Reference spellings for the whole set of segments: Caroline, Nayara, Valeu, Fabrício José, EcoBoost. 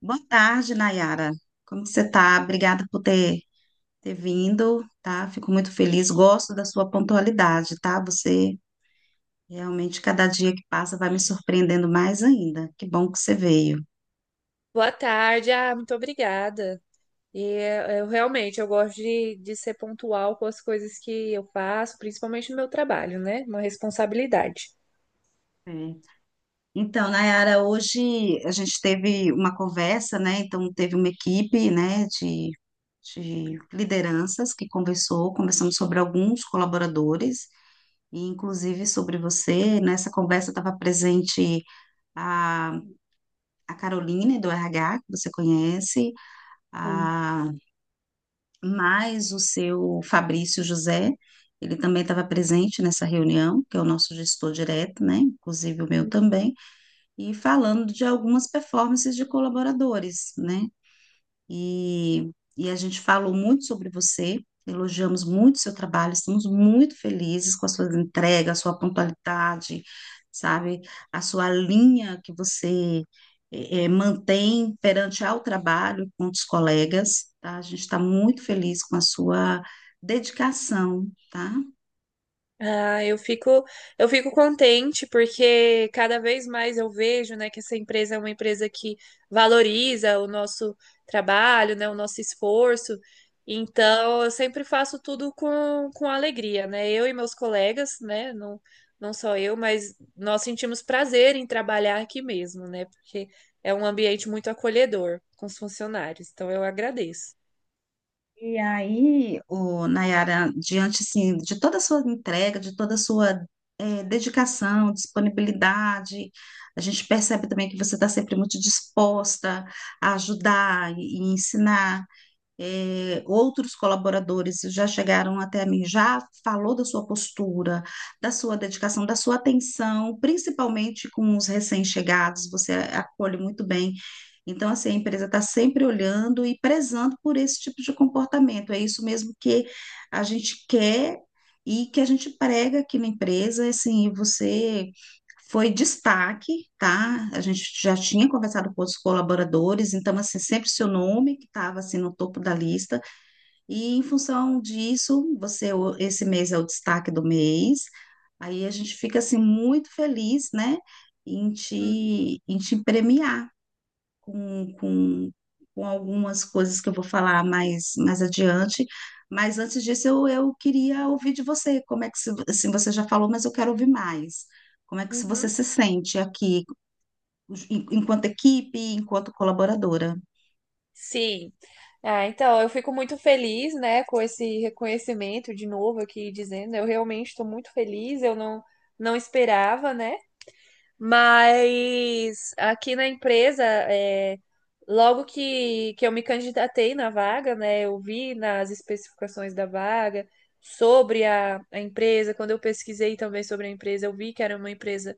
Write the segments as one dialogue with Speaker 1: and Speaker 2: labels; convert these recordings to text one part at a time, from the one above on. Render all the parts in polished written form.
Speaker 1: Boa tarde, Nayara. Como que você está? Obrigada por ter vindo, tá? Fico muito feliz. Gosto da sua pontualidade, tá? Você realmente, cada dia que passa, vai me surpreendendo mais ainda. Que bom que você veio.
Speaker 2: Boa tarde. Muito obrigada. E eh, eu realmente eu gosto de ser pontual com as coisas que eu faço, principalmente no meu trabalho, né? Uma responsabilidade.
Speaker 1: É. Então, Nayara, hoje a gente teve uma conversa, né? Então, teve uma equipe, né, de lideranças que conversamos sobre alguns colaboradores, e inclusive sobre você. Nessa conversa estava presente a Caroline do RH, que você conhece,
Speaker 2: Sim.
Speaker 1: a, mais o seu Fabrício José, ele também estava presente nessa reunião, que é o nosso gestor direto, né? Inclusive o meu também, e falando de algumas performances de colaboradores, né? e, e a gente falou muito sobre você, elogiamos muito seu trabalho, estamos muito felizes com a sua entrega, a sua pontualidade, sabe, a sua linha que você mantém perante ao trabalho com os colegas, tá? A gente está muito feliz com a sua dedicação, tá?
Speaker 2: Ah, eu fico, eu fico contente porque cada vez mais eu vejo, né, que essa empresa é uma empresa que valoriza o nosso trabalho, né, o nosso esforço. Então, eu sempre faço tudo com alegria, né? Eu e meus colegas, né, não só eu, mas nós sentimos prazer em trabalhar aqui mesmo, né? Porque é um ambiente muito acolhedor com os funcionários. Então, eu agradeço.
Speaker 1: E aí, o Nayara, diante assim, de toda a sua entrega, de toda a sua dedicação, disponibilidade, a gente percebe também que você está sempre muito disposta a ajudar e ensinar outros colaboradores já chegaram até mim, já falou da sua postura, da sua dedicação, da sua atenção, principalmente com os recém-chegados, você acolhe muito bem. Então, assim, a empresa está sempre olhando e prezando por esse tipo de comportamento. É isso mesmo que a gente quer e que a gente prega aqui na empresa. Assim, você foi destaque, tá? A gente já tinha conversado com os colaboradores, então, assim, sempre seu nome que estava, assim, no topo da lista. E, em função disso, esse mês é o destaque do mês. Aí a gente fica, assim, muito feliz, né? Em te premiar com, com, com algumas coisas que eu vou falar mais adiante. Mas antes disso, eu queria ouvir de você. Como é que, se- Assim, você já falou, mas eu quero ouvir mais. Como é que se você
Speaker 2: Uhum.
Speaker 1: se sente aqui, enquanto equipe, enquanto colaboradora?
Speaker 2: Sim. Eu fico muito feliz, né, com esse reconhecimento de novo aqui dizendo. Eu realmente estou muito feliz, eu não, não esperava, né? Mas aqui na empresa, logo que eu me candidatei na vaga, né, eu vi nas especificações da vaga sobre a empresa. Quando eu pesquisei também sobre a empresa, eu vi que era uma empresa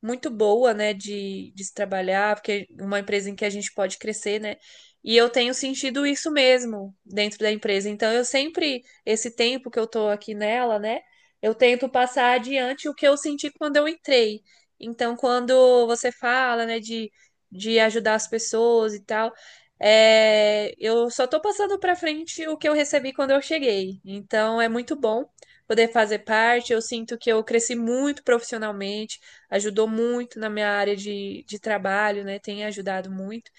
Speaker 2: muito boa, né, de se trabalhar, porque é uma empresa em que a gente pode crescer, né? E eu tenho sentido isso mesmo dentro da empresa. Então, eu sempre, esse tempo que eu tô aqui nela, né, eu tento passar adiante o que eu senti quando eu entrei. Então, quando você fala, né, de ajudar as pessoas e tal, é, eu só tô passando para frente o que eu recebi quando eu cheguei. Então, é muito bom poder fazer parte. Eu sinto que eu cresci muito profissionalmente, ajudou muito na minha área de trabalho, né? Tem ajudado muito.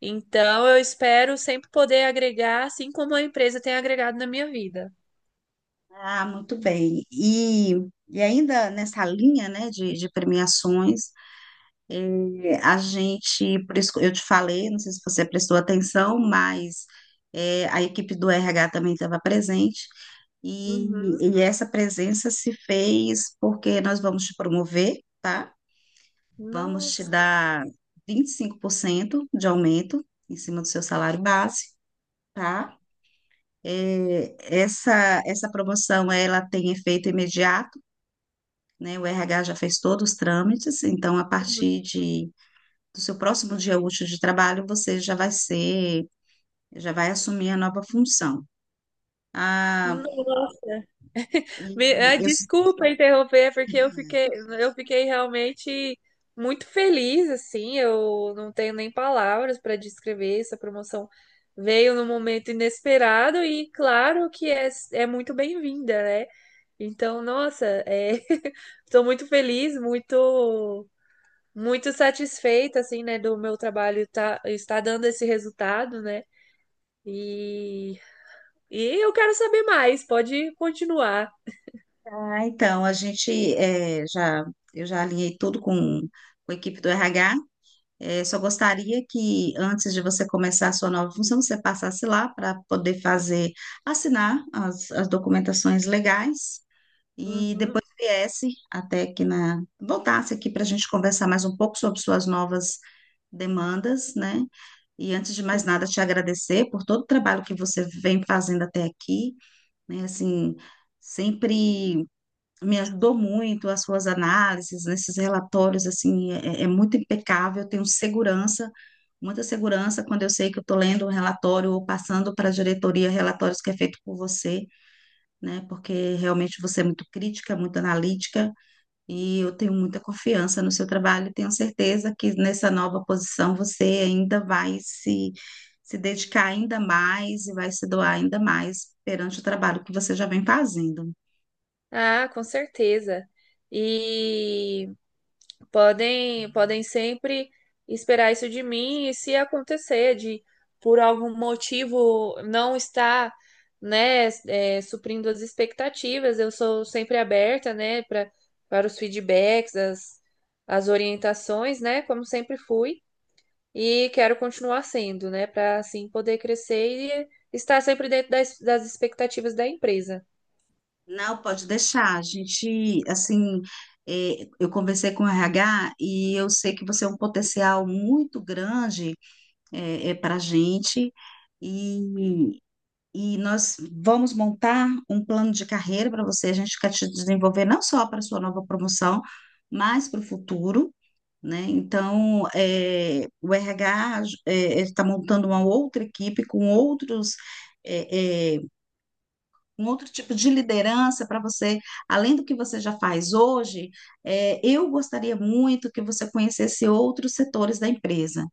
Speaker 2: Então, eu espero sempre poder agregar, assim como a empresa tem agregado na minha vida.
Speaker 1: Ah, muito bem. E ainda nessa linha, né, de premiações, é, a gente, por isso que eu te falei, não sei se você prestou atenção, mas é, a equipe do RH também estava presente, e,
Speaker 2: Uhum.
Speaker 1: e essa presença se fez porque nós vamos te promover, tá? Vamos te
Speaker 2: Nossa,
Speaker 1: dar 25% de aumento em cima do seu salário base, tá? É, essa promoção, ela tem efeito imediato, né? O RH já fez todos os trâmites, então a partir de do seu próximo dia útil de trabalho, você já vai assumir a nova função. Ah,
Speaker 2: nossa.
Speaker 1: e eu,
Speaker 2: Desculpa interromper, porque eu fiquei realmente muito feliz, assim. Eu não tenho nem palavras para descrever essa promoção. Veio num momento inesperado e claro que é muito bem-vinda, né? Então, nossa, é... estou muito feliz, muito, muito satisfeita, assim, né, do meu trabalho tá, estar dando esse resultado, né? E, e eu quero saber mais, pode continuar.
Speaker 1: ah, então, a gente eh, já, eu já alinhei tudo com a equipe do RH. Só gostaria que antes de você começar a sua nova função, você passasse lá para poder fazer, assinar as documentações legais e
Speaker 2: Uhum,
Speaker 1: depois viesse até voltasse aqui para a gente conversar mais um pouco sobre suas novas demandas, né? E antes de mais
Speaker 2: sim.
Speaker 1: nada, te agradecer por todo o trabalho que você vem fazendo até aqui, né? Assim, sempre me ajudou muito as suas análises, nesses relatórios, assim, é muito impecável, eu tenho segurança, muita segurança quando eu sei que eu estou lendo um relatório ou passando para a diretoria relatórios que é feito por você, né? Porque realmente você é muito crítica, muito analítica e eu tenho muita confiança no seu trabalho e tenho certeza que nessa nova posição você ainda vai se, se dedicar ainda mais e vai se doar ainda mais perante o trabalho que você já vem fazendo.
Speaker 2: Ah, com certeza. E podem sempre esperar isso de mim, e se acontecer de por algum motivo não estar suprindo as expectativas, eu sou sempre aberta, né, para os feedbacks, as orientações, né, como sempre fui e quero continuar sendo, né, para assim poder crescer e estar sempre dentro das expectativas da empresa.
Speaker 1: Não, pode deixar. A gente, assim, eu conversei com o RH e eu sei que você é um potencial muito grande para a gente. E E nós vamos montar um plano de carreira para você. A gente quer te desenvolver não só para sua nova promoção, mas para o futuro, né? Então, o RH está montando uma outra equipe com eh, eh, um outro tipo de liderança para você, além do que você já faz hoje. Eu gostaria muito que você conhecesse outros setores da empresa.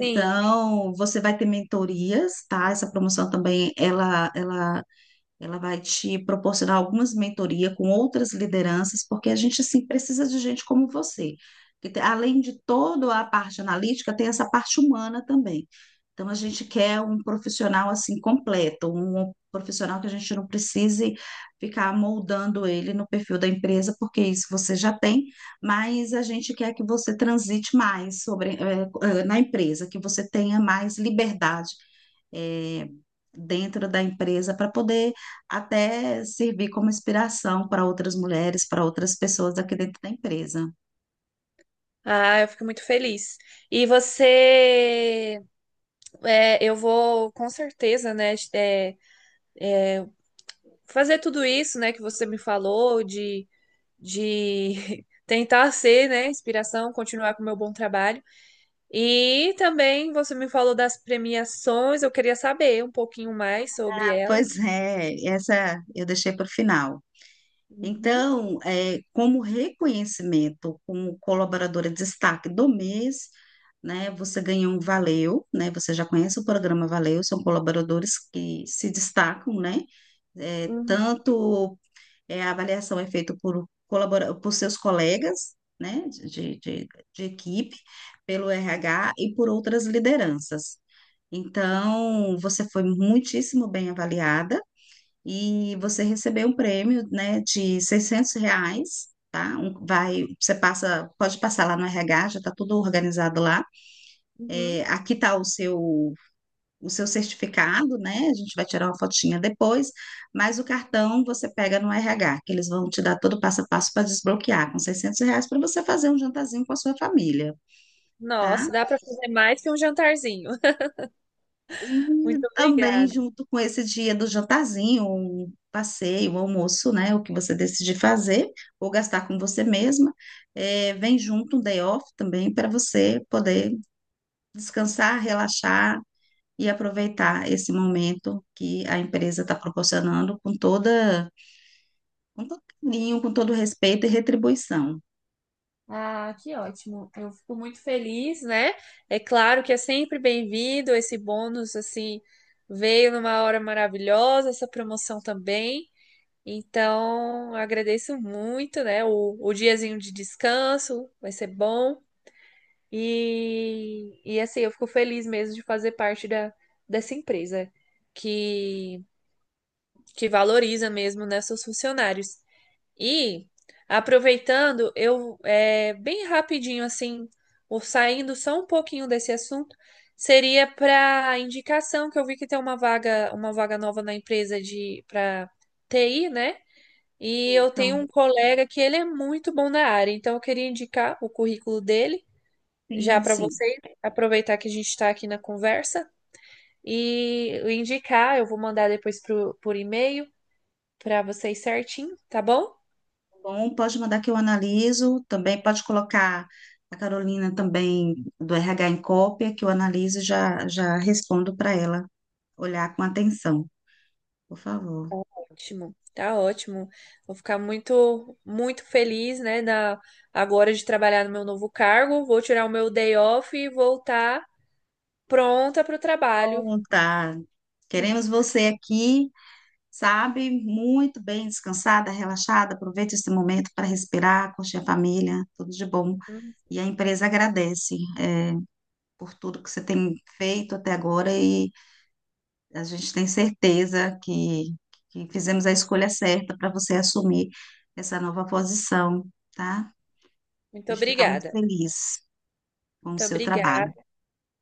Speaker 2: Sim.
Speaker 1: você vai ter mentorias, tá? Essa promoção também, ela vai te proporcionar algumas mentorias com outras lideranças, porque a gente, assim, precisa de gente como você. Além de toda a parte analítica, tem essa parte humana também. Então, a gente quer um profissional, assim, completo, um profissional que a gente não precise ficar moldando ele no perfil da empresa, porque isso você já tem, mas a gente quer que você transite mais sobre, na empresa, que você tenha mais liberdade é, dentro da empresa para poder até servir como inspiração para outras mulheres, para outras pessoas aqui dentro da empresa.
Speaker 2: Ah, eu fico muito feliz. E você. Eu vou com certeza, né, fazer tudo isso, né, que você me falou, de tentar ser, né, inspiração, continuar com o meu bom trabalho. E também você me falou das premiações, eu queria saber um pouquinho mais sobre elas.
Speaker 1: Pois é, essa eu deixei para o final.
Speaker 2: Uhum,
Speaker 1: Então, é, como reconhecimento como colaboradora de destaque do mês, né, você ganhou um Valeu, né, você já conhece o programa Valeu, são colaboradores que se destacam, né, é,
Speaker 2: uhum,
Speaker 1: tanto a avaliação é feita colabora por seus colegas, né, de equipe, pelo RH e por outras lideranças. Então, você foi muitíssimo bem avaliada e você recebeu um prêmio, né, de R$ 600, tá? Vai, você passa, pode passar lá no RH, já está tudo organizado lá.
Speaker 2: uhum.
Speaker 1: É, aqui está o seu certificado, né? A gente vai tirar uma fotinha depois, mas o cartão você pega no RH, que eles vão te dar todo o passo a passo para desbloquear, com R$ 600 para você fazer um jantarzinho com a sua família, tá?
Speaker 2: Nossa, dá para fazer mais que um jantarzinho.
Speaker 1: E
Speaker 2: Muito
Speaker 1: também
Speaker 2: obrigada.
Speaker 1: junto com esse dia do jantarzinho, um passeio, um almoço, né? O que você decidir fazer ou gastar com você mesma, vem junto um day off também para você poder descansar, relaxar e aproveitar esse momento que a empresa está proporcionando com todo carinho, com todo respeito e retribuição.
Speaker 2: Ah, que ótimo. Eu fico muito feliz, né? É claro que é sempre bem-vindo esse bônus assim, veio numa hora maravilhosa, essa promoção também. Então, eu agradeço muito, né? O diazinho de descanso vai ser bom. E assim, eu fico feliz mesmo de fazer parte da, dessa empresa que, que valoriza mesmo, né, seus funcionários. E aproveitando, bem rapidinho assim, ou saindo só um pouquinho desse assunto, seria para indicação que eu vi que tem uma vaga nova na empresa de para TI, né? E eu tenho
Speaker 1: Então,
Speaker 2: um colega que ele é muito bom na área, então eu queria indicar o currículo dele já
Speaker 1: sim,
Speaker 2: para
Speaker 1: sim.
Speaker 2: vocês, aproveitar que a gente está aqui na conversa e indicar. Eu vou mandar depois por e-mail para vocês certinho, tá bom?
Speaker 1: Bom, pode mandar que eu analiso. Também pode colocar a Carolina também do RH em cópia, que eu analiso e já respondo para ela olhar com atenção, por favor.
Speaker 2: Ótimo, tá ótimo. Vou ficar muito, muito feliz, né, na, agora de trabalhar no meu novo cargo. Vou tirar o meu day off e voltar pronta para o trabalho.
Speaker 1: Bom, tá. Queremos você aqui, sabe? Muito bem, descansada, relaxada. Aproveite esse momento para respirar, curtir a família, tudo de bom.
Speaker 2: Hum.
Speaker 1: E a empresa agradece, é, por tudo que você tem feito até agora e a gente tem certeza que fizemos a escolha certa para você assumir essa nova posição, tá?
Speaker 2: Muito
Speaker 1: A gente fica muito
Speaker 2: obrigada.
Speaker 1: feliz com o
Speaker 2: Muito
Speaker 1: seu trabalho.
Speaker 2: obrigada.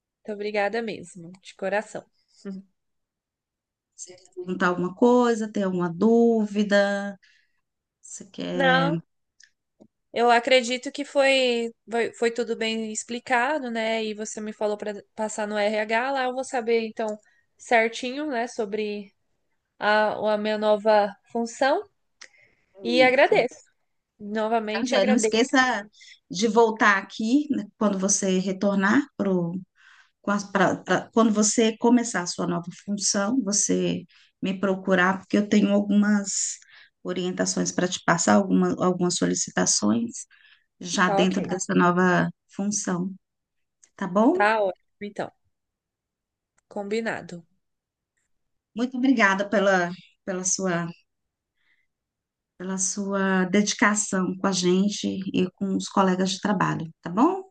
Speaker 2: Muito obrigada mesmo, de coração.
Speaker 1: Você quer perguntar alguma coisa, tem alguma dúvida? Você quer
Speaker 2: Não, eu acredito que foi, foi tudo bem explicado, né? E você me falou para passar no RH lá, eu vou saber então certinho, né, sobre a minha nova função e
Speaker 1: isso?
Speaker 2: agradeço.
Speaker 1: Tá,
Speaker 2: Novamente
Speaker 1: joia? Não
Speaker 2: agradeço.
Speaker 1: esqueça de voltar aqui, né, quando você retornar pro, com as- pra- pra- quando você começar a sua nova função, você me procurar, porque eu tenho algumas orientações para te passar, algumas solicitações já
Speaker 2: Tá
Speaker 1: dentro
Speaker 2: ok.
Speaker 1: dessa nova função, tá bom?
Speaker 2: Tá ótimo, então. Combinado.
Speaker 1: Muito obrigada pela sua, pela sua dedicação com a gente e com os colegas de trabalho, tá bom?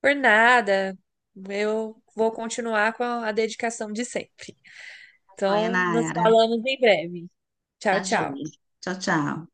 Speaker 2: Por nada. Eu vou continuar com a dedicação de sempre.
Speaker 1: Tá joia,
Speaker 2: Então, nos
Speaker 1: Nayara.
Speaker 2: falamos em breve. Tchau,
Speaker 1: Tá
Speaker 2: tchau.
Speaker 1: joia. Tchau, tchau.